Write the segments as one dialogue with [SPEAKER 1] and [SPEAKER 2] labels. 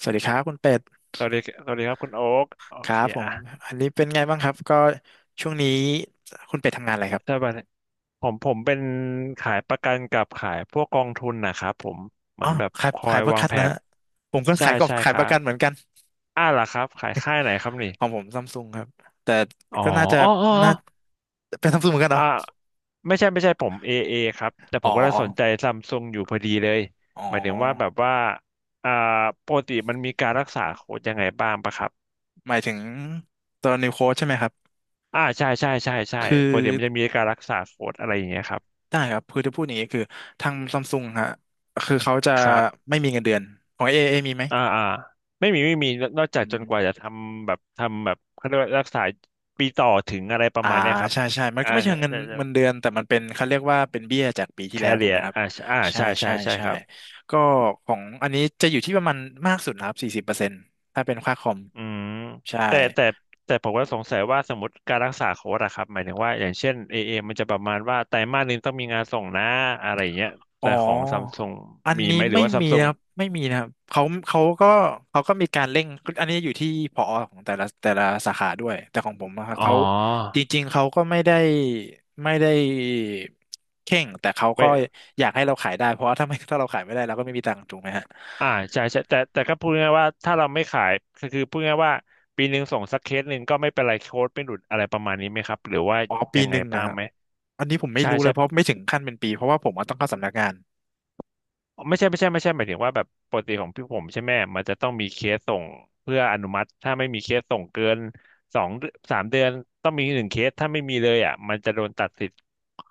[SPEAKER 1] สวัสดีครับคุณเป็ด
[SPEAKER 2] สวัสดีสวัสดีครับคุณโอ๊กโอ
[SPEAKER 1] ครั
[SPEAKER 2] เค
[SPEAKER 1] บผ
[SPEAKER 2] อ่ะ
[SPEAKER 1] มอันนี้เป็นไงบ้างครับก็ช่วงนี้คุณเป็ดทำงานอะไรครั
[SPEAKER 2] ส
[SPEAKER 1] บ
[SPEAKER 2] วัสดีผมเป็นขายประกันกับขายพวกกองทุนนะครับผมเหมื
[SPEAKER 1] อ๋อ
[SPEAKER 2] อนแบบ
[SPEAKER 1] ขาย
[SPEAKER 2] คอ
[SPEAKER 1] ขา
[SPEAKER 2] ย
[SPEAKER 1] ยประ
[SPEAKER 2] วาง
[SPEAKER 1] กัน
[SPEAKER 2] แผ
[SPEAKER 1] นะ
[SPEAKER 2] น
[SPEAKER 1] ฮะผมก็
[SPEAKER 2] ใช่
[SPEAKER 1] ขายก็
[SPEAKER 2] ใช่
[SPEAKER 1] ขา
[SPEAKER 2] ค
[SPEAKER 1] ยป
[SPEAKER 2] รับ
[SPEAKER 1] ระกันเหมือนกัน
[SPEAKER 2] อ่าล่ะครับขายค่ายไหนครับนี่
[SPEAKER 1] ของผมซัมซุงครับแต่
[SPEAKER 2] อ๋อ
[SPEAKER 1] ก็น่าจะ
[SPEAKER 2] อ๋ออ๋อ
[SPEAKER 1] น่าเป็นซัมซุงเหมือนกัน
[SPEAKER 2] อ๋อ
[SPEAKER 1] เนาะ
[SPEAKER 2] อ่าไม่ใช่ไม่ใช่ผมเอเอครับแต่
[SPEAKER 1] อ๋
[SPEAKER 2] ผ
[SPEAKER 1] อ
[SPEAKER 2] มก็ได้สนใจซัมซุงอยู่พอดีเลย
[SPEAKER 1] อ๋
[SPEAKER 2] หมายถึงว่าแบ
[SPEAKER 1] อ
[SPEAKER 2] บว่าอ่าปกติมันมีการรักษาโค้ดยังไงบ้างปะครับ
[SPEAKER 1] หมายถึงตัวนิวโค้ดใช่ไหมครับ
[SPEAKER 2] อ่าใช่ใช่ใช่ใช่
[SPEAKER 1] คือ
[SPEAKER 2] ปกติมันจะมีการรักษาโค้ดอะไรอย่างเงี้ยครับ
[SPEAKER 1] ได้ครับคือจะพูดอย่างนี้คือทางซัมซุงฮะคือเขาจะ
[SPEAKER 2] ครับ
[SPEAKER 1] ไม่มีเงินเดือนของเอเอมีไหม
[SPEAKER 2] อ่าอ่าไม่มีไม่มีนอกจากจนกว่าจะทำแบบทำแบบเขาเรียกว่ารักษาปีต่อถึงอะไรประ
[SPEAKER 1] อ่า
[SPEAKER 2] มาณเนี้ยครับ
[SPEAKER 1] ใช่ใช่มัน
[SPEAKER 2] อ่า
[SPEAKER 1] ก็ไม่เชิงเงิน
[SPEAKER 2] จะจะ
[SPEAKER 1] เงินเดือนแต่มันเป็นเขาเรียกว่าเป็นเบี้ยจากปีที่
[SPEAKER 2] แค
[SPEAKER 1] แล้วถู
[SPEAKER 2] เรี
[SPEAKER 1] กไห
[SPEAKER 2] ย
[SPEAKER 1] มครับ
[SPEAKER 2] อ่าใช่อ่า
[SPEAKER 1] ใช่
[SPEAKER 2] ใช่ใช่
[SPEAKER 1] ใช่
[SPEAKER 2] ใช่
[SPEAKER 1] ใช่
[SPEAKER 2] ครับ
[SPEAKER 1] ก็ของอันนี้จะอยู่ที่ประมาณมากสุดนะครับ40%ถ้าเป็นค่าคอม
[SPEAKER 2] อืม
[SPEAKER 1] ใช่
[SPEAKER 2] แต่แต่ผมก็สงสัยว่าสมมติการรักษาโค้ดอะครับหมายถึงว่าอย่างเช่นเอเอมันจะประมาณว่าไตรมาสหนึงต้องมีงานส่งนะอะไรอย่างเงี้ย
[SPEAKER 1] อ๋อ
[SPEAKER 2] แต่ของซัมซุง
[SPEAKER 1] อัน
[SPEAKER 2] มี
[SPEAKER 1] นี้
[SPEAKER 2] ไหมหรื
[SPEAKER 1] ไม่
[SPEAKER 2] อว่าซัม
[SPEAKER 1] มี
[SPEAKER 2] ซุ
[SPEAKER 1] นะ
[SPEAKER 2] ง
[SPEAKER 1] ครับไม่มีนะครับเขาก็เขาก็มีการเร่งอันนี้อยู่ที่ผอของแต่ละสาขาด้วยแต่ของผมนะครับ
[SPEAKER 2] อ๋อ
[SPEAKER 1] เขาจริงๆเขาก็ไม่ได้เข่งแต่เขา
[SPEAKER 2] ไม่
[SPEAKER 1] ก็อยากให้เราขายได้เพราะว่าถ้าไม่ถ้าเราขายไม่ได้เราก็ไม่มีตังค์ถูกไหมฮะ
[SPEAKER 2] อ่าใช่ใช่แต่ก็พูดง่ายๆว่าถ้าเราไม่ขายก็คือพูดง่ายๆว่าปีหนึ่งส่งสักเคสหนึ่งก็ไม่เป็นไรโค้ดไม่หลุดอะไรประมาณนี้ไหมครับหรือว่า
[SPEAKER 1] อ๋อปี
[SPEAKER 2] ยัง
[SPEAKER 1] ห
[SPEAKER 2] ไง
[SPEAKER 1] นึ่งนะ
[SPEAKER 2] บ้า
[SPEAKER 1] ค
[SPEAKER 2] ง
[SPEAKER 1] รับ
[SPEAKER 2] ไหม
[SPEAKER 1] อันนี้ผมไม่
[SPEAKER 2] ใช่
[SPEAKER 1] รู้เล
[SPEAKER 2] ใช่
[SPEAKER 1] ยเพราะไม่ถึงขั้นเป็นปีเพราะว่าผมอะต้องเข้าสำนักงาน
[SPEAKER 2] ไม่ใช่ไม่ใช่ไม่ใช่หมายถึงว่าแบบปกติของพี่ผมใช่ไหมมันจะต้องมีเคสส่งเพื่ออนุมัติถ้าไม่มีเคสส่งเกินสองสามเดือนต้องมีหนึ่งเคสถ้าไม่มีเลยอ่ะมันจะโดนตัดสิทธิ์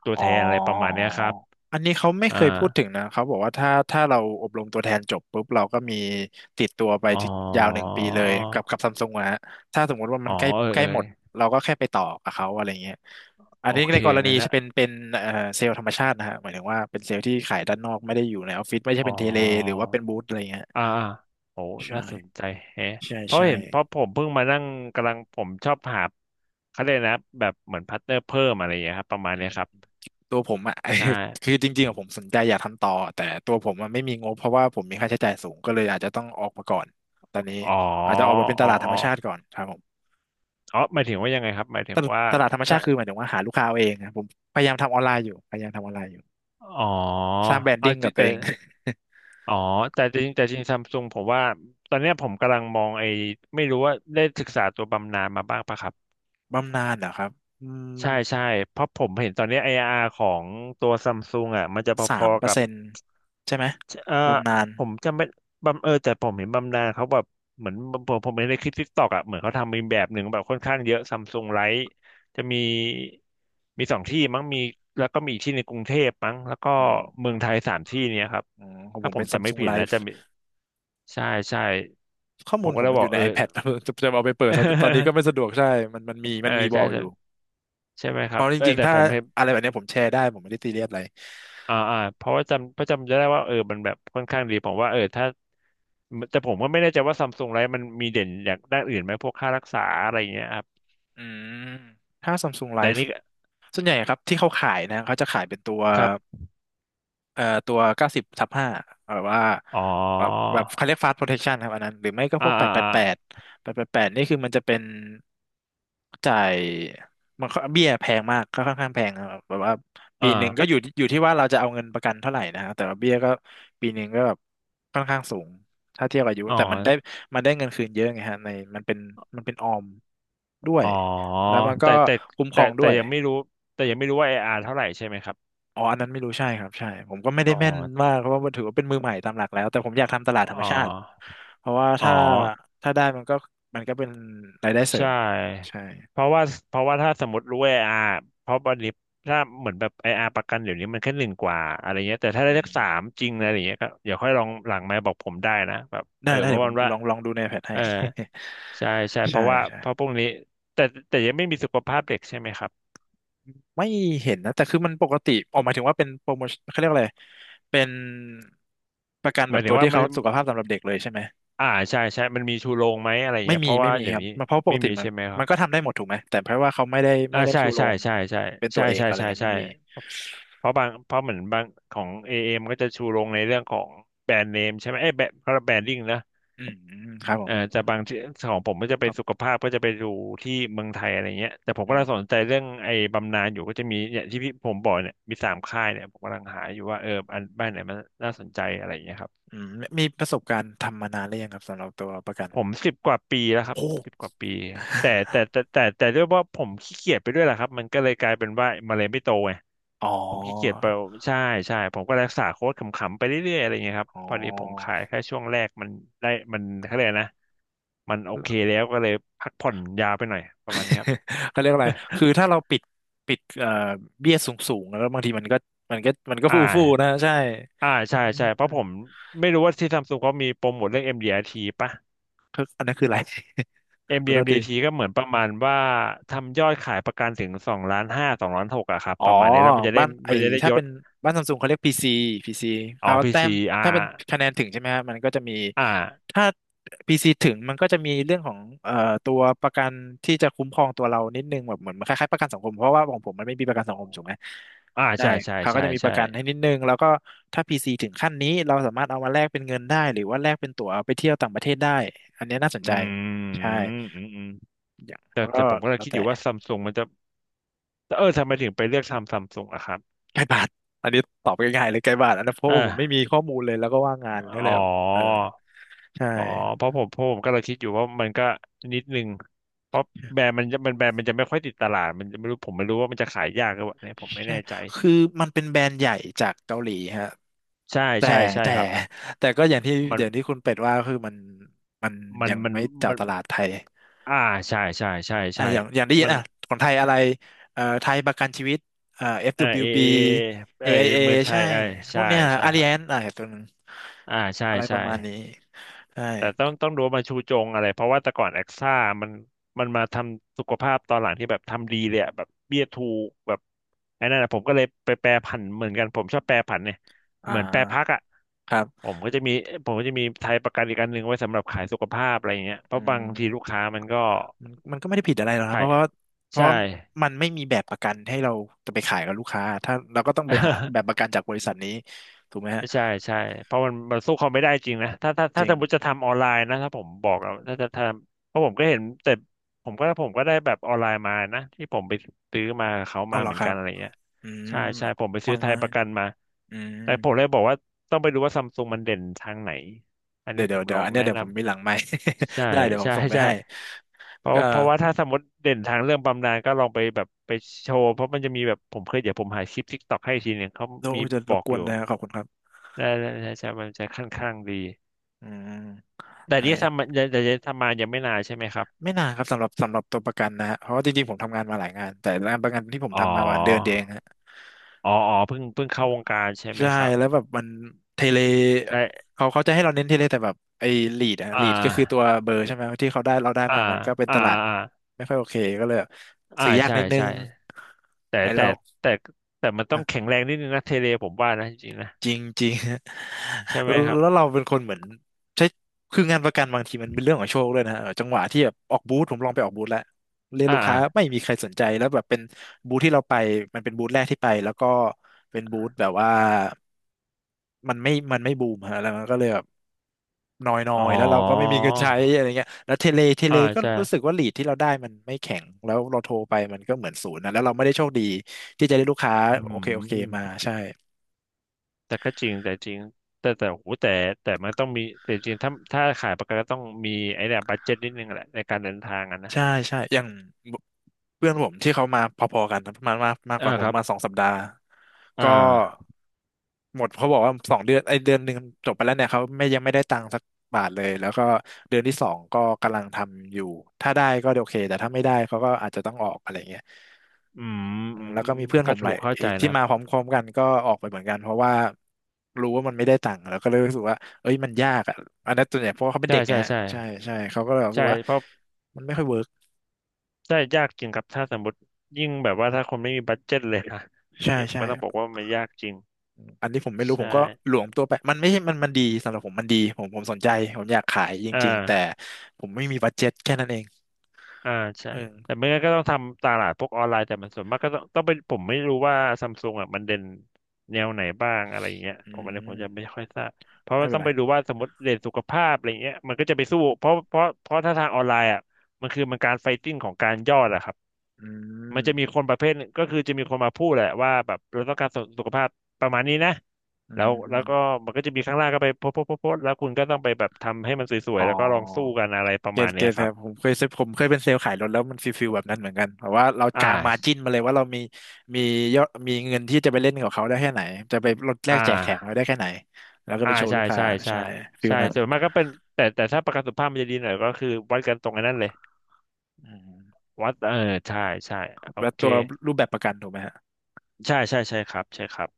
[SPEAKER 2] ตัว
[SPEAKER 1] อ๋อ
[SPEAKER 2] แทนอะไรประมาณ
[SPEAKER 1] อ๋อ
[SPEAKER 2] เนี้ยค
[SPEAKER 1] อ๋อ
[SPEAKER 2] รับ
[SPEAKER 1] อันนี้เขาไม่
[SPEAKER 2] อ่า
[SPEAKER 1] เคยพูดถึงนะเขาบอกว่าถ้าเราอบรมตัวแทนจบปุ๊บเราก็มีติดตัวไป
[SPEAKER 2] อ๋อ
[SPEAKER 1] ที่ยาว1 ปีเลยกับซัมซุงอะฮะถ้าสมมติว่ามั
[SPEAKER 2] อ๋
[SPEAKER 1] น
[SPEAKER 2] อ
[SPEAKER 1] ใกล้
[SPEAKER 2] เออ
[SPEAKER 1] ใก
[SPEAKER 2] เอ
[SPEAKER 1] ล้หมด
[SPEAKER 2] อ
[SPEAKER 1] เราก็แค่ไปต่อกับเขาอะไรเงี้ยอัน
[SPEAKER 2] โอ
[SPEAKER 1] นี้
[SPEAKER 2] เค
[SPEAKER 1] ในกรณี
[SPEAKER 2] งั้น
[SPEAKER 1] จะ
[SPEAKER 2] นะ
[SPEAKER 1] เป็นเซลล์ธรรมชาตินะฮะหมายถึงว่าเป็นเซลล์ที่ขายด้านนอกไม่ได้อยู่ในออฟฟิศไม่ใช่
[SPEAKER 2] อ๋อ
[SPEAKER 1] เป็นเทเลหรือว่าเป็นบูธอะไรเงี้ย
[SPEAKER 2] อ่าอ่าโอ้
[SPEAKER 1] ใช่
[SPEAKER 2] น่าสนใจแฮะ
[SPEAKER 1] ใช่
[SPEAKER 2] เพราะ
[SPEAKER 1] ใช่
[SPEAKER 2] เห็นเพราะผมเพิ่งมานั่งกำลังผมชอบหาเขาเรียกนะแบบเหมือนพาร์ทเนอร์เพิ่มอะไรอย่างเงี้ยครับประมาณ
[SPEAKER 1] อื
[SPEAKER 2] เนี้ย
[SPEAKER 1] ม
[SPEAKER 2] ครับ
[SPEAKER 1] ตัวผมอ่ะ
[SPEAKER 2] ใช่
[SPEAKER 1] คือจริงๆอะผมสนใจอยากทำต่อแต่ตัวผมอะไม่มีงบเพราะว่าผมมีค่าใช้จ่ายสูงก็เลยอาจจะต้องออกมาก่อนตอนนี้
[SPEAKER 2] อ๋อ
[SPEAKER 1] อาจจะออกมาเป็นต
[SPEAKER 2] อ๋อ
[SPEAKER 1] ลาดธร
[SPEAKER 2] อ๋อ
[SPEAKER 1] รมชาติก่อนครับผม
[SPEAKER 2] อ๋อหมายถึงว่ายังไงครับหมายถึ
[SPEAKER 1] ต
[SPEAKER 2] ง
[SPEAKER 1] ลาด
[SPEAKER 2] ว่า
[SPEAKER 1] ตลาดธรรมชา
[SPEAKER 2] ถ้า
[SPEAKER 1] ติคือหมายถึงว่าหาลูกค้าเอาเองนะผมพยายามทำออนไลน์อยู่
[SPEAKER 2] อ๋อ
[SPEAKER 1] สร้างแบรน
[SPEAKER 2] เอา
[SPEAKER 1] ดิ้ง
[SPEAKER 2] จ
[SPEAKER 1] กั
[SPEAKER 2] ริ
[SPEAKER 1] บ
[SPEAKER 2] ง
[SPEAKER 1] ตัว
[SPEAKER 2] แต่
[SPEAKER 1] เอง
[SPEAKER 2] อ๋อแต่จริงแต่จริงซัมซุงผมว่าตอนเนี้ยผมกำลังมองไอ้ไม่รู้ว่าได้ศึกษาตัวบำนาญมาบ้างปะครับ
[SPEAKER 1] บำนาญเหรอครับอืม
[SPEAKER 2] ใช่ใช่เพราะผมเห็นตอนเนี้ยไออาร r ของตัวซัมซุงอ่ะมันจะพ
[SPEAKER 1] สาม
[SPEAKER 2] อ
[SPEAKER 1] เป
[SPEAKER 2] ๆ
[SPEAKER 1] อ
[SPEAKER 2] กั
[SPEAKER 1] ร์
[SPEAKER 2] บ
[SPEAKER 1] เซ็นต์ใช่ไหม
[SPEAKER 2] จะ
[SPEAKER 1] บำนาญ
[SPEAKER 2] ผมจำไม่บำแต่ผมเห็นบำนาญเขาแบบเหมือนผมเห็นในคลิปทิกตอกอ่ะเหมือนเขาทำมีแบบหนึ่งแบบค่อนข้างเยอะซัมซุงไลท์จะมีมีสองที่มั้งมีแล้วก็มีอีกที่ในกรุงเทพมั้งแล้วก็
[SPEAKER 1] อืม
[SPEAKER 2] เมืองไทยสามที่เนี้ยครับ
[SPEAKER 1] อ๋อของผ
[SPEAKER 2] ถ้า
[SPEAKER 1] ม
[SPEAKER 2] ผ
[SPEAKER 1] เป็
[SPEAKER 2] ม
[SPEAKER 1] น
[SPEAKER 2] จำไม่
[SPEAKER 1] Samsung
[SPEAKER 2] ผิดนะ
[SPEAKER 1] Life
[SPEAKER 2] จะมีใช่ใช่
[SPEAKER 1] ข้อ
[SPEAKER 2] ผ
[SPEAKER 1] มู
[SPEAKER 2] ม
[SPEAKER 1] ล
[SPEAKER 2] ก็
[SPEAKER 1] ผม
[SPEAKER 2] เลย
[SPEAKER 1] มัน
[SPEAKER 2] บ
[SPEAKER 1] อ
[SPEAKER 2] อก
[SPEAKER 1] ยู่ใน
[SPEAKER 2] เออ
[SPEAKER 1] iPad จะ จะเอาไปเปิดตอนนี้ก็ไม่สะด วกใช่มันมี
[SPEAKER 2] เอ
[SPEAKER 1] มั
[SPEAKER 2] อ
[SPEAKER 1] นมีบ
[SPEAKER 2] ใช่
[SPEAKER 1] อกอ
[SPEAKER 2] ใช่
[SPEAKER 1] ยู่
[SPEAKER 2] ใช่ไหมค
[SPEAKER 1] เพ
[SPEAKER 2] รับ
[SPEAKER 1] ราะจ
[SPEAKER 2] เออ
[SPEAKER 1] ริงๆ
[SPEAKER 2] แต่
[SPEAKER 1] ถ้า
[SPEAKER 2] ผมเห็น
[SPEAKER 1] อะไรแบบเนี้ยผมแชร์ได้ผมไม่ได้ตีเรียบอะไร
[SPEAKER 2] อ่าอ่าเพราะว่าจำเพราะจำจะได้ว่าเออมันแบบค่อนข้างดีผมว่าเออถ้า แต่ผมก็ไม่แน่ใจว่าซัมซุงไลฟ์มันมีเด่นอย่างด้านอื่นไหมพวกค่ารักษาอะไรอย่างเงี้ยครับ
[SPEAKER 1] อืมถ้า Samsung
[SPEAKER 2] แต่
[SPEAKER 1] Live
[SPEAKER 2] นี่ก็
[SPEAKER 1] ส่วนใหญ่ครับที่เขาขายนะเขาจะขายเป็นตัว
[SPEAKER 2] ครับ
[SPEAKER 1] ตัว90/5แบบว่า
[SPEAKER 2] อ๋อ
[SPEAKER 1] แบบแบบเขาเรียกฟ a ส t p โปรเท t ชันครับอันนั้นหรือไม่ก็พ
[SPEAKER 2] อ่า
[SPEAKER 1] วกแป
[SPEAKER 2] อ่า
[SPEAKER 1] ดแปด
[SPEAKER 2] อ่า
[SPEAKER 1] แปดแปดแปดแปดนี่คือมันจะเป็นจ่ายมันเบี้ยแพงมากก็ค่อนข้างแพงนะครับแบบว่าปีหนึ่งก็
[SPEAKER 2] อ่า
[SPEAKER 1] อยู่ที่ว่าเราจะเอาเงินประกันเท่าไหร่นะครับแต่ว่าเบี้ยก็ปีหนึ่งก็แบบค่อนข้างสูงถ้าเทียบอายุ
[SPEAKER 2] อ๋อ
[SPEAKER 1] แต่มันได้เงินคืนเยอะไงฮะในมันเป็นมันเป็นออมด้ว
[SPEAKER 2] อ๋
[SPEAKER 1] ย
[SPEAKER 2] อ
[SPEAKER 1] แล้วมันก็
[SPEAKER 2] แต่แต่
[SPEAKER 1] คุ้มคร
[SPEAKER 2] แต่
[SPEAKER 1] องด้
[SPEAKER 2] แต่
[SPEAKER 1] วย
[SPEAKER 2] ยังไม่รู้แต่ยังไม่รู้ว่า AR เท่าไหร่ใช่ไหมครับ
[SPEAKER 1] อ๋ออันนั้นไม่รู้ใช่ครับใช่ผมก็ไม่ได้
[SPEAKER 2] อ๋อ
[SPEAKER 1] แม่นมากเพราะว่าถือว่าเป็นมือใหม่ตามหลักแล้ว แต่ผมอยากทำตลาดธรรม
[SPEAKER 2] อ๋อ
[SPEAKER 1] ชาติ เพราะว่า
[SPEAKER 2] อ๋อ
[SPEAKER 1] ถ้าถ้าได้มันก็มันก็เป็นรายได้เส
[SPEAKER 2] ใช
[SPEAKER 1] ริม
[SPEAKER 2] ่
[SPEAKER 1] ใช่
[SPEAKER 2] เพราะว่าเพราะว่าถ้าสมมติรู้ AR เพราะวันนี้ถ้าเหมือนแบบไออาร r ประกันเดี๋ยวนี้มันแค่หนึ่งกว่าอะไรเงี้ยแต่ถ้าได้
[SPEAKER 1] อื
[SPEAKER 2] สัก
[SPEAKER 1] ม
[SPEAKER 2] สามจริงอะไรอย่างเงี้ยก็เดี๋ยวค่อยลองหลังไมค์บอกผมได้นะแบบ
[SPEAKER 1] ได้
[SPEAKER 2] เออ
[SPEAKER 1] ได้
[SPEAKER 2] เพ
[SPEAKER 1] เดี๋ย
[SPEAKER 2] ราะ
[SPEAKER 1] วผ
[SPEAKER 2] วั
[SPEAKER 1] ม
[SPEAKER 2] นว่า
[SPEAKER 1] ลองดูในแพทให้
[SPEAKER 2] เออ ใช่ใช่ เพ
[SPEAKER 1] ใช่
[SPEAKER 2] ราะว่า
[SPEAKER 1] ใช่
[SPEAKER 2] เพราะพวกนี้แต่แต่ยังไม่มีสุขภาพเด็กใช่ไหมครับ
[SPEAKER 1] ไม่เห็นนะแต่คือมันปกติออกหมายถึงว่าเป็นโปรโมชั่นเขาเรียกอะไรเป็นประกัน
[SPEAKER 2] ห
[SPEAKER 1] แบ
[SPEAKER 2] มา
[SPEAKER 1] บ
[SPEAKER 2] ยถึ
[SPEAKER 1] ตัว
[SPEAKER 2] งว่า
[SPEAKER 1] ที่
[SPEAKER 2] มัน
[SPEAKER 1] เขาสุขภาพสำหรับเด็กเลยใช่ไหม
[SPEAKER 2] อ่าใช่ใช่มันมีชูโรงไหมอะไร
[SPEAKER 1] ไม่
[SPEAKER 2] เงี้ยเพ
[SPEAKER 1] มี
[SPEAKER 2] ราะ
[SPEAKER 1] ไม่
[SPEAKER 2] ว่า
[SPEAKER 1] มี
[SPEAKER 2] เดี๋ย
[SPEAKER 1] ค
[SPEAKER 2] ว
[SPEAKER 1] รับ
[SPEAKER 2] นี้
[SPEAKER 1] มันเพราะป
[SPEAKER 2] ไม่
[SPEAKER 1] กติ
[SPEAKER 2] มี
[SPEAKER 1] มัน
[SPEAKER 2] ใช่ไหมครั
[SPEAKER 1] มัน
[SPEAKER 2] บ
[SPEAKER 1] ก็ทำได้หมดถูกไหมแต่เพราะว่าเขาไม่ได้
[SPEAKER 2] อ่า
[SPEAKER 1] ไม่ได้
[SPEAKER 2] ใช่
[SPEAKER 1] ชูโร
[SPEAKER 2] ใช่
[SPEAKER 1] ง
[SPEAKER 2] ใช่ใช่
[SPEAKER 1] เป็นตั
[SPEAKER 2] ใช่
[SPEAKER 1] วเอก
[SPEAKER 2] ใช่
[SPEAKER 1] อะไร
[SPEAKER 2] ใช่
[SPEAKER 1] เงี้ย
[SPEAKER 2] ใช่
[SPEAKER 1] ไม่มี
[SPEAKER 2] เพราะบางเพราะเหมือนบางของเอเอ็มก็จะชูโรงในเรื่องของแบรนด์เนมใช่ไหมเอ้ยแบรนด์เขาเรียกแบรนดิ้งนะ
[SPEAKER 1] อืมครับผม
[SPEAKER 2] จะบางที่ของผมก็จะไป
[SPEAKER 1] ครั
[SPEAKER 2] สุข
[SPEAKER 1] บ
[SPEAKER 2] ภาพก็จะไปดูที่เมืองไทยอะไรเงี้ยแต่ผมก
[SPEAKER 1] อื
[SPEAKER 2] กำ
[SPEAKER 1] ม
[SPEAKER 2] ลังสนใจเรื่องไอ้บำนาญอยู่ก็จะมีเนี่ยที่พี่ผมบอกเนี่ยมีสามค่ายเนี่ยผมกำลังหาอยู่ว่าเอออันบ้านไหนมันน่าสนใจอะไรเงี้ยครับ
[SPEAKER 1] อืมมีประสบการณ์ทำมานานหรือยังครับสำหรับตัวประกัน
[SPEAKER 2] ผม10 กว่าปีแล้วครับ
[SPEAKER 1] โอ้
[SPEAKER 2] สิบกว่าปีแต่แต่ แต่แต่แต่ด้วยว่าผมขี้เกียจไปด้วยแหละครับมันก็เลยกลายเป็นว่ามันเลยไม่โตไง
[SPEAKER 1] อ๋อ
[SPEAKER 2] ผมขี้เกียจไปใช่ใช่ผมก็รักษาโค้ดขำๆไปเรื่อยๆอะไรเงี้ยครับ
[SPEAKER 1] อ๋อ
[SPEAKER 2] พอดีผมขายแค่ช่วงแรกมันได้มันเขาเรียกนะมันโอเคแล้วก็เลยพักผ่อนยาวไปหน่อยประมาณนี้ครับ
[SPEAKER 1] เขาเรียกอะไรคือถ้าเราปิดเบี้ยสูงแล้วบางทีมันก็มันก็
[SPEAKER 2] อ่า
[SPEAKER 1] ฟูฟูนะใช่
[SPEAKER 2] อ่า
[SPEAKER 1] อื
[SPEAKER 2] ใช่ใช่เพราะผ
[SPEAKER 1] ม
[SPEAKER 2] มไม่รู้ว่าที่ซัมซุงเขามีโปรโมทเรื่อง MDRT ป่ะ
[SPEAKER 1] คืออันนั้นคืออะไร ขอโทษที
[SPEAKER 2] MDMDT ก็เหมือนประมาณว่าทำยอดขายประกันถึง2,500,0002,600,000อะครับ
[SPEAKER 1] อ๋อ
[SPEAKER 2] ประมาณนี้แล้ว
[SPEAKER 1] บ้านไอ้
[SPEAKER 2] มันจะได้
[SPEAKER 1] ถ้า
[SPEAKER 2] ย
[SPEAKER 1] เป็
[SPEAKER 2] ศ
[SPEAKER 1] นบ้านซัมซุงเขาเรียก PC PC
[SPEAKER 2] อ๋อ
[SPEAKER 1] เขา
[SPEAKER 2] พี
[SPEAKER 1] แต้
[SPEAKER 2] ซี
[SPEAKER 1] ม
[SPEAKER 2] อา
[SPEAKER 1] ถ้าเป็
[SPEAKER 2] c
[SPEAKER 1] น
[SPEAKER 2] r
[SPEAKER 1] คะแนนถึงใช่ไหมฮะมันก็จะมี
[SPEAKER 2] อ่า
[SPEAKER 1] ถ้า PC ถึงมันก็จะมีเรื่องของตัวประกันที่จะคุ้มครองตัวเรานิดนึงแบบเหมือนคล้ายๆประกันสังคมเพราะว่าของผมมันไม่มีประกันสังคมถูกไหม
[SPEAKER 2] อ่า
[SPEAKER 1] ได้
[SPEAKER 2] ใช่ใช่
[SPEAKER 1] เขาก็
[SPEAKER 2] ใช่
[SPEAKER 1] จะมีป
[SPEAKER 2] ใช่
[SPEAKER 1] ระกันให้นิดนึงแล้วก็ถ้า PC ถึงขั้นนี้เราสามารถเอามาแลกเป็นเงินได้หรือว่าแลกเป็นตั๋วไปเที่ยวต่างประเทศได้อันนี้น่าสน
[SPEAKER 2] อื
[SPEAKER 1] ใจ
[SPEAKER 2] ม
[SPEAKER 1] ใช่
[SPEAKER 2] อืมอืม
[SPEAKER 1] อย่าง
[SPEAKER 2] แต่
[SPEAKER 1] แล้ว
[SPEAKER 2] แต่
[SPEAKER 1] ก็
[SPEAKER 2] ผมก็เลย
[SPEAKER 1] แล้ว
[SPEAKER 2] คิดอ
[SPEAKER 1] แต่
[SPEAKER 2] ยู่ว่าซัมซุงมันจะเออทำไมถึงไปเลือกทำซัมซุงอะครับ
[SPEAKER 1] ใกล้บาท อันนี้ตอบง่ายๆเลยใกล้บาทอันนั้นเพราะว่าผมไม่มี
[SPEAKER 2] อ่า
[SPEAKER 1] ข้อมูลเลยแล้วก็ว่างงานก็เล
[SPEAKER 2] อ๋
[SPEAKER 1] ย
[SPEAKER 2] อ
[SPEAKER 1] แบบเออใช่
[SPEAKER 2] อ๋อเพราะผมก็เลยคิดอยู่ว่ามันก็นิดนึงเพราะแบรนด์มันจะมันแบรนด์มันจะไม่ค่อยติดตลาดมันจะไม่รู้ผมไม่รู้ว่ามันจะขายยากหรือเปล่าเนี่ยผมไม่
[SPEAKER 1] ใช่
[SPEAKER 2] แน่ใจ
[SPEAKER 1] คือมันเป็นแบรนด์ใหญ่จากเกาหลีฮะ
[SPEAKER 2] ใช่
[SPEAKER 1] แต่
[SPEAKER 2] ใช่ใช่
[SPEAKER 1] แต่
[SPEAKER 2] ครับ
[SPEAKER 1] แต่ก็อย่างที่
[SPEAKER 2] มัน
[SPEAKER 1] เดี๋ยวที่คุณเป็ดว่าคือมัน
[SPEAKER 2] มัน
[SPEAKER 1] ยัง
[SPEAKER 2] มัน
[SPEAKER 1] ไม่เจาะ
[SPEAKER 2] มัน
[SPEAKER 1] ตลาดไทย
[SPEAKER 2] อ่าใช่ใช่ใช่
[SPEAKER 1] อ่ะ
[SPEAKER 2] ใช่
[SPEAKER 1] อย่างอย่างได้ยิน
[SPEAKER 2] มัน
[SPEAKER 1] อ่ะของไทยอะไรไทยประกันชีวิตเอ่อ
[SPEAKER 2] เออเอ
[SPEAKER 1] FWB
[SPEAKER 2] เอเออ
[SPEAKER 1] AIA
[SPEAKER 2] เมืองไท
[SPEAKER 1] ใช่
[SPEAKER 2] ยเออ
[SPEAKER 1] พว
[SPEAKER 2] ใช่
[SPEAKER 1] กเนี้ย
[SPEAKER 2] ใช่
[SPEAKER 1] อา
[SPEAKER 2] ค
[SPEAKER 1] ริ
[SPEAKER 2] รั
[SPEAKER 1] แอ
[SPEAKER 2] บ
[SPEAKER 1] นอ่ะตัวนึง
[SPEAKER 2] อ่าใช่
[SPEAKER 1] อะไรป
[SPEAKER 2] ใช่
[SPEAKER 1] ระมาณนี้ ใช่
[SPEAKER 2] แต่ต้องดูว่ามาชูจงอะไรเพราะว่าแต่ก่อนแอคซ่ามันมันมาทำสุขภาพตอนหลังที่แบบทำดีเลยอะแบบเบี้ยถูกแบบไอ้นั่นนะผมก็เลยไปแปรผันเหมือนกันผมชอบแปรผันเนี่ย
[SPEAKER 1] อ่
[SPEAKER 2] เหมือนแปรพัก
[SPEAKER 1] า
[SPEAKER 2] อ่ะ
[SPEAKER 1] ครั
[SPEAKER 2] ผ
[SPEAKER 1] บ
[SPEAKER 2] มก็จะมีผมก็จะมีไทยประกันอีกอันหนึ่งไว้สำหรับขายสุขภาพอะไรอย่างเงี้ยเพ
[SPEAKER 1] อื
[SPEAKER 2] ราะบางทีลูก
[SPEAKER 1] ม
[SPEAKER 2] ค้ามันก็
[SPEAKER 1] มันมันก็ไม่ได้ผิดอะไรหรอกครับ
[SPEAKER 2] ขา
[SPEAKER 1] เพ
[SPEAKER 2] ย
[SPEAKER 1] ราะว่าเพราะ
[SPEAKER 2] ใช่
[SPEAKER 1] ว่ามันไม่มีแบบประกันให้เราจะไปขายกับลูกค้าถ้าเราก็ต้องไปหาแบบ ประกันจากบริษัทนี้ถูกไหมฮะ
[SPEAKER 2] ใช่ใช่เพราะมันสู้เขาไม่ได้จริงนะถ้าถ้า
[SPEAKER 1] จ
[SPEAKER 2] ถ้า
[SPEAKER 1] ริ
[SPEAKER 2] ส
[SPEAKER 1] ง
[SPEAKER 2] มมติจะทำออนไลน์นะถ้าผมบอกอะถ้าจะทำเพราะผมก็เห็นแต่ผมก็ได้แบบออนไลน์มานะที่ผมไปซื้อมากับเขา
[SPEAKER 1] เอา
[SPEAKER 2] มา
[SPEAKER 1] เหร
[SPEAKER 2] เห
[SPEAKER 1] อ
[SPEAKER 2] มือน
[SPEAKER 1] ครั
[SPEAKER 2] กั
[SPEAKER 1] บ
[SPEAKER 2] นอะไรเงี้ย
[SPEAKER 1] อืม
[SPEAKER 2] ใช่ใช่ผมไป
[SPEAKER 1] ออ
[SPEAKER 2] ซื้อ
[SPEAKER 1] น
[SPEAKER 2] ไท
[SPEAKER 1] ไล
[SPEAKER 2] ยประ
[SPEAKER 1] น์
[SPEAKER 2] กันมา
[SPEAKER 1] อืม
[SPEAKER 2] แต่ผมเลยบอกว่าต้องไปดูว่าซัมซุงมันเด่นทางไหนอัน
[SPEAKER 1] เดี๋
[SPEAKER 2] นี้
[SPEAKER 1] ยว
[SPEAKER 2] ผ
[SPEAKER 1] เดี๋ยว
[SPEAKER 2] ม
[SPEAKER 1] เดี๋
[SPEAKER 2] ล
[SPEAKER 1] ย
[SPEAKER 2] อ
[SPEAKER 1] ว
[SPEAKER 2] ง
[SPEAKER 1] อันเนี้ย
[SPEAKER 2] แนะ
[SPEAKER 1] เดี๋ย
[SPEAKER 2] น
[SPEAKER 1] วผมมีหลังไมค์
[SPEAKER 2] ำใช่
[SPEAKER 1] ได้เดี๋ยวผม
[SPEAKER 2] ใช่
[SPEAKER 1] ส่งไป
[SPEAKER 2] ใช่
[SPEAKER 1] ให้
[SPEAKER 2] เพราะ
[SPEAKER 1] ก็
[SPEAKER 2] เพราะว่าถ้าสมมติเด่นทางเรื่องบำนาญก็ลองไปแบบไปโชว์เพราะมันจะมีแบบผมเคยเดี๋ยวผมหาคลิปทิกตอกให้อีกทีหนึ่งเขามี
[SPEAKER 1] โอ้ยจะ
[SPEAKER 2] บ
[SPEAKER 1] ร
[SPEAKER 2] อ
[SPEAKER 1] บ
[SPEAKER 2] ก
[SPEAKER 1] ก
[SPEAKER 2] อ
[SPEAKER 1] วน
[SPEAKER 2] ยู่
[SPEAKER 1] นะครับขอบคุณครับ
[SPEAKER 2] ได้ได้ใช่ใช่มันจะค่อนข้างดี
[SPEAKER 1] อืม
[SPEAKER 2] แต่
[SPEAKER 1] ใช่
[SPEAKER 2] ที่ทำมาแต่ที่ทำมายังไม่นานใช่ไหมครับ
[SPEAKER 1] ไม่นานครับสำหรับสำหรับตัวประกันนะฮะเพราะว่าจริงๆผมทำงานมาหลายงานแต่งานประกันที่ผม
[SPEAKER 2] อ๋
[SPEAKER 1] ทำมาประมาณเดือนเดีย
[SPEAKER 2] อ
[SPEAKER 1] วเอง
[SPEAKER 2] อ๋ออ๋อเพิ่งเข้าวงการใช่ไหม
[SPEAKER 1] ใช่
[SPEAKER 2] ครับ
[SPEAKER 1] แล้วแบบมันเทเล
[SPEAKER 2] ใช่
[SPEAKER 1] เขาเขาจะให้เราเน้นเทเลแต่แบบไอ้ลีดอะ
[SPEAKER 2] อ่
[SPEAKER 1] ลีดก็คือตัว
[SPEAKER 2] า
[SPEAKER 1] เบอร์ใช่ไหมที่เขาได้เราได้
[SPEAKER 2] อ่า
[SPEAKER 1] มามันก็เป็น
[SPEAKER 2] อ่า
[SPEAKER 1] ตลาด
[SPEAKER 2] อ่า
[SPEAKER 1] ไม่ค่อยโอเคก็เลยแบบ
[SPEAKER 2] อ่า
[SPEAKER 1] ซื้อยาก
[SPEAKER 2] ใช่
[SPEAKER 1] นิดนึ
[SPEAKER 2] ใช่
[SPEAKER 1] ง
[SPEAKER 2] แต่
[SPEAKER 1] ไอ้
[SPEAKER 2] แต่
[SPEAKER 1] เรา
[SPEAKER 2] แต่แต่มันต้อง
[SPEAKER 1] อะ
[SPEAKER 2] แข็งแรงนิดนึงนะเทเลผมว่านะจริงๆนะ
[SPEAKER 1] จริงจริง
[SPEAKER 2] ใช่ ไหม
[SPEAKER 1] แล้ว
[SPEAKER 2] ครับ
[SPEAKER 1] แล้วเราเป็นคนเหมือนใช้คืองานประกันบางทีมันเป็นเรื่องของโชคด้วยนะเออจังหวะที่แบบออกบูธผมลองไปออกบูธแล้วเรียก
[SPEAKER 2] อ่า
[SPEAKER 1] ลูก
[SPEAKER 2] อ่า
[SPEAKER 1] ค้าไม่มีใครสนใจแล้วแบบเป็นบูธที่เราไปมันเป็นบูธแรกที่ไปแล้วก็เป็นบูธแบบว่ามันไม่บูมฮะแล้วมันก็เลยแบบ น้อ
[SPEAKER 2] อ๋อ
[SPEAKER 1] ยๆ แล้วเราก็ไม่มีเงินใช้อะไรเงี้ยแล้วเทเล
[SPEAKER 2] อ่า
[SPEAKER 1] ก็
[SPEAKER 2] ใช่
[SPEAKER 1] รู้สึกว่าลีดที่เราได้มันไม่แข็ง แล้วเราโทรไปมันก็เหมือนศูนย์นะแล้วเราไม่ได้โชคดีที่จะได้ลูกค้า
[SPEAKER 2] อื
[SPEAKER 1] โอเคโอเคมา
[SPEAKER 2] ม
[SPEAKER 1] ใช่
[SPEAKER 2] แต่ก็จริงแต่จริงแต่โหแต่แต่มันต้องมีแต่จริงถ้าขายประกันก็ต้องมีไอ้เนี่ยบัดเจ็ตนิดนึงแหละในการเดินทางอะนะ
[SPEAKER 1] ใช่ใช่อย่างเพื่อนผมที่เขามาพอๆกันนะประมาณมามากก
[SPEAKER 2] อ่า
[SPEAKER 1] ว่าผ
[SPEAKER 2] ค
[SPEAKER 1] ม
[SPEAKER 2] รับ
[SPEAKER 1] มาสองสัปดาห์
[SPEAKER 2] อ่
[SPEAKER 1] ก็
[SPEAKER 2] า
[SPEAKER 1] หมดเขาบอกว่าสองเดือนไอเดือนหนึ่งจบไปแล้วเนี่ยเขาไม่ยังไม่ได้ตังค์สักบาทเลยแล้วก็เดือนที่สองก็กำลังทำอยู่ถ้าได้ก็โอเคแต่ถ้าไม่ได้เขาก็อาจจะต้องออกอะไรเงี้ย
[SPEAKER 2] อืม
[SPEAKER 1] อื
[SPEAKER 2] อื
[SPEAKER 1] ม
[SPEAKER 2] ม
[SPEAKER 1] แล้ว
[SPEAKER 2] อื
[SPEAKER 1] ก็
[SPEAKER 2] ม
[SPEAKER 1] มีเพื่อนผ
[SPEAKER 2] ก็
[SPEAKER 1] มห
[SPEAKER 2] ถู
[SPEAKER 1] ลาย
[SPEAKER 2] กเข้าใจ
[SPEAKER 1] อีกที่
[SPEAKER 2] นะ
[SPEAKER 1] มาพร้อมๆกันก็ออกไปเหมือนกันเพราะว่ารู้ว่ามันไม่ได้ตังค์แล้วก็เลยรู้สึกว่าเอ้ยมันยากอ่ะอันนั้นตัวนใหญ่เพราะว่าเขาเป็น
[SPEAKER 2] ใช่
[SPEAKER 1] เด็ก
[SPEAKER 2] ใช่
[SPEAKER 1] นะฮะ
[SPEAKER 2] ใช่
[SPEAKER 1] ใช่ใช่เขาก็เลยรู้สึ
[SPEAKER 2] ใช่
[SPEAKER 1] กว่า
[SPEAKER 2] เพราะ
[SPEAKER 1] มันไม่ค่อยเวิร์ก
[SPEAKER 2] ใช่ยากจริงครับถ้าสมมติยิ่งแบบว่าถ้าคนไม่มีบัดเจ็ตเลยนะอั
[SPEAKER 1] ใช่
[SPEAKER 2] นนี้ผม
[SPEAKER 1] ใช่
[SPEAKER 2] ก็ต้องบอกว่ามันยากจริง
[SPEAKER 1] อันนี้ผมไม่รู้ผ
[SPEAKER 2] ใช่
[SPEAKER 1] มก็หลวมตัวไปมันไม่ใช่มันมันดีสำหรับผมมันดีผมสนใจผมอยากขายจ
[SPEAKER 2] อ่
[SPEAKER 1] ริงๆแต่
[SPEAKER 2] า
[SPEAKER 1] ผมไม่มีบัดเจ็ตแค่นั้นเอง
[SPEAKER 2] อ่าใช่
[SPEAKER 1] เออ
[SPEAKER 2] แต่ไม่งั้นก็ต้องทำตลาดพวกออนไลน์แต่มันส่วนมากก็ต้องไปผมไม่รู้ว่าซัมซุงอ่ะมันเด่นแนวไหนบ้างอะไรอย่างเงี้ย
[SPEAKER 1] อื
[SPEAKER 2] ผมอันนี้ผมจะไม่
[SPEAKER 1] ม
[SPEAKER 2] ค่อยทราบเพราะ
[SPEAKER 1] ไม่
[SPEAKER 2] ว่า
[SPEAKER 1] เป็
[SPEAKER 2] ต้
[SPEAKER 1] น
[SPEAKER 2] อง
[SPEAKER 1] ไร
[SPEAKER 2] ไปดูว่าสมมติเด่นสุขภาพอะไรเงี้ยมันก็จะไปสู้เพราะถ้าทางออนไลน์อ่ะมันคือมันการไฟติ้งของการยอดอะครับ
[SPEAKER 1] อื
[SPEAKER 2] มันจะมี
[SPEAKER 1] ม
[SPEAKER 2] คนประเภทหนึ่งก็คือจะมีคนมาพูดแหละว่าแบบเราต้องการสุสุขภาพประมาณนี้นะ
[SPEAKER 1] อื
[SPEAKER 2] แล้วก็
[SPEAKER 1] ม
[SPEAKER 2] มันก็จะมีข้างล่างก็ไปโพสต์แล้วคุณก็ต้องไปแบบทำให้มันสวย
[SPEAKER 1] อ๋
[SPEAKER 2] ๆแล้วก็ลองสู้
[SPEAKER 1] อ
[SPEAKER 2] กันอะไรประ
[SPEAKER 1] เก
[SPEAKER 2] มา
[SPEAKER 1] ณ
[SPEAKER 2] ณ
[SPEAKER 1] ฑ์เก
[SPEAKER 2] เนี้ย
[SPEAKER 1] ณฑ์
[SPEAKER 2] ค
[SPEAKER 1] แต่
[SPEAKER 2] รับ
[SPEAKER 1] ผมเคยซื้อผมเคยเป็นเซลล์ขายรถแล้วมันฟิลแบบนั้นเหมือนกันแบบว่าเรา
[SPEAKER 2] อ่
[SPEAKER 1] กาง
[SPEAKER 2] า
[SPEAKER 1] มาจิ้นมาเลยว่าเรามียอดมีเงินที่จะไปเล่นกับเขาได้แค่ไหนจะไปลดแล
[SPEAKER 2] อ่า
[SPEAKER 1] กแจกแถมเขาได้แค่ไหนแล้วก็ไป
[SPEAKER 2] อ่า
[SPEAKER 1] โชว์
[SPEAKER 2] ใช่
[SPEAKER 1] ลูกค้า
[SPEAKER 2] ใช่ใช่
[SPEAKER 1] ใช่ฟิล
[SPEAKER 2] ใช่
[SPEAKER 1] นั้น
[SPEAKER 2] ส่วนมากก็เป็นแต่ถ้าประกันสุขภาพมันจะดีหน่อยก็คือวัดกันตรงไอ้นั้นเลย
[SPEAKER 1] อืม
[SPEAKER 2] วัดเออใช่ใช่โอ
[SPEAKER 1] แล้ว
[SPEAKER 2] เค
[SPEAKER 1] ตัวรูปแบบประกันถูกไหมฮะ
[SPEAKER 2] ใช่ใช่ใช่ครับใช่ครับ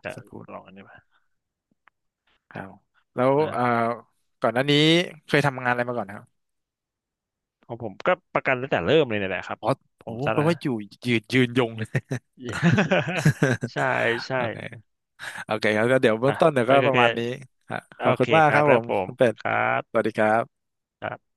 [SPEAKER 2] แต่
[SPEAKER 1] สกูต
[SPEAKER 2] ลองอันนี้มา
[SPEAKER 1] ครับแล้ว
[SPEAKER 2] นะ
[SPEAKER 1] ก่อนหน้านี้เคยทำงานอะไรมาก่อนครับ
[SPEAKER 2] ของผมก็ประกันตั้งแต่เริ่มเลยเนี่ยแหละครับ
[SPEAKER 1] อ๋อ
[SPEAKER 2] ผ
[SPEAKER 1] โอ้
[SPEAKER 2] ม
[SPEAKER 1] โห
[SPEAKER 2] ซะ
[SPEAKER 1] แปล
[SPEAKER 2] นะ
[SPEAKER 1] ว่าอยู่ยืนยงเลย
[SPEAKER 2] ใช่ ใช่
[SPEAKER 1] โอเคโอเคครับก็เดี๋ยวเบื้อ
[SPEAKER 2] อ่ะ
[SPEAKER 1] งต้นเดี๋ยว
[SPEAKER 2] โอ
[SPEAKER 1] ก็
[SPEAKER 2] เค
[SPEAKER 1] ป
[SPEAKER 2] โอ
[SPEAKER 1] ระ
[SPEAKER 2] เค
[SPEAKER 1] มาณนี้ฮะขอ
[SPEAKER 2] โอ
[SPEAKER 1] บคุ
[SPEAKER 2] เค
[SPEAKER 1] ณมาก
[SPEAKER 2] ค
[SPEAKER 1] ค
[SPEAKER 2] รั
[SPEAKER 1] รั
[SPEAKER 2] บ
[SPEAKER 1] บผ
[SPEAKER 2] แล้ว
[SPEAKER 1] ม
[SPEAKER 2] ผม
[SPEAKER 1] คุณเป็ด
[SPEAKER 2] ครับ
[SPEAKER 1] สวัสดีครับ
[SPEAKER 2] ครับ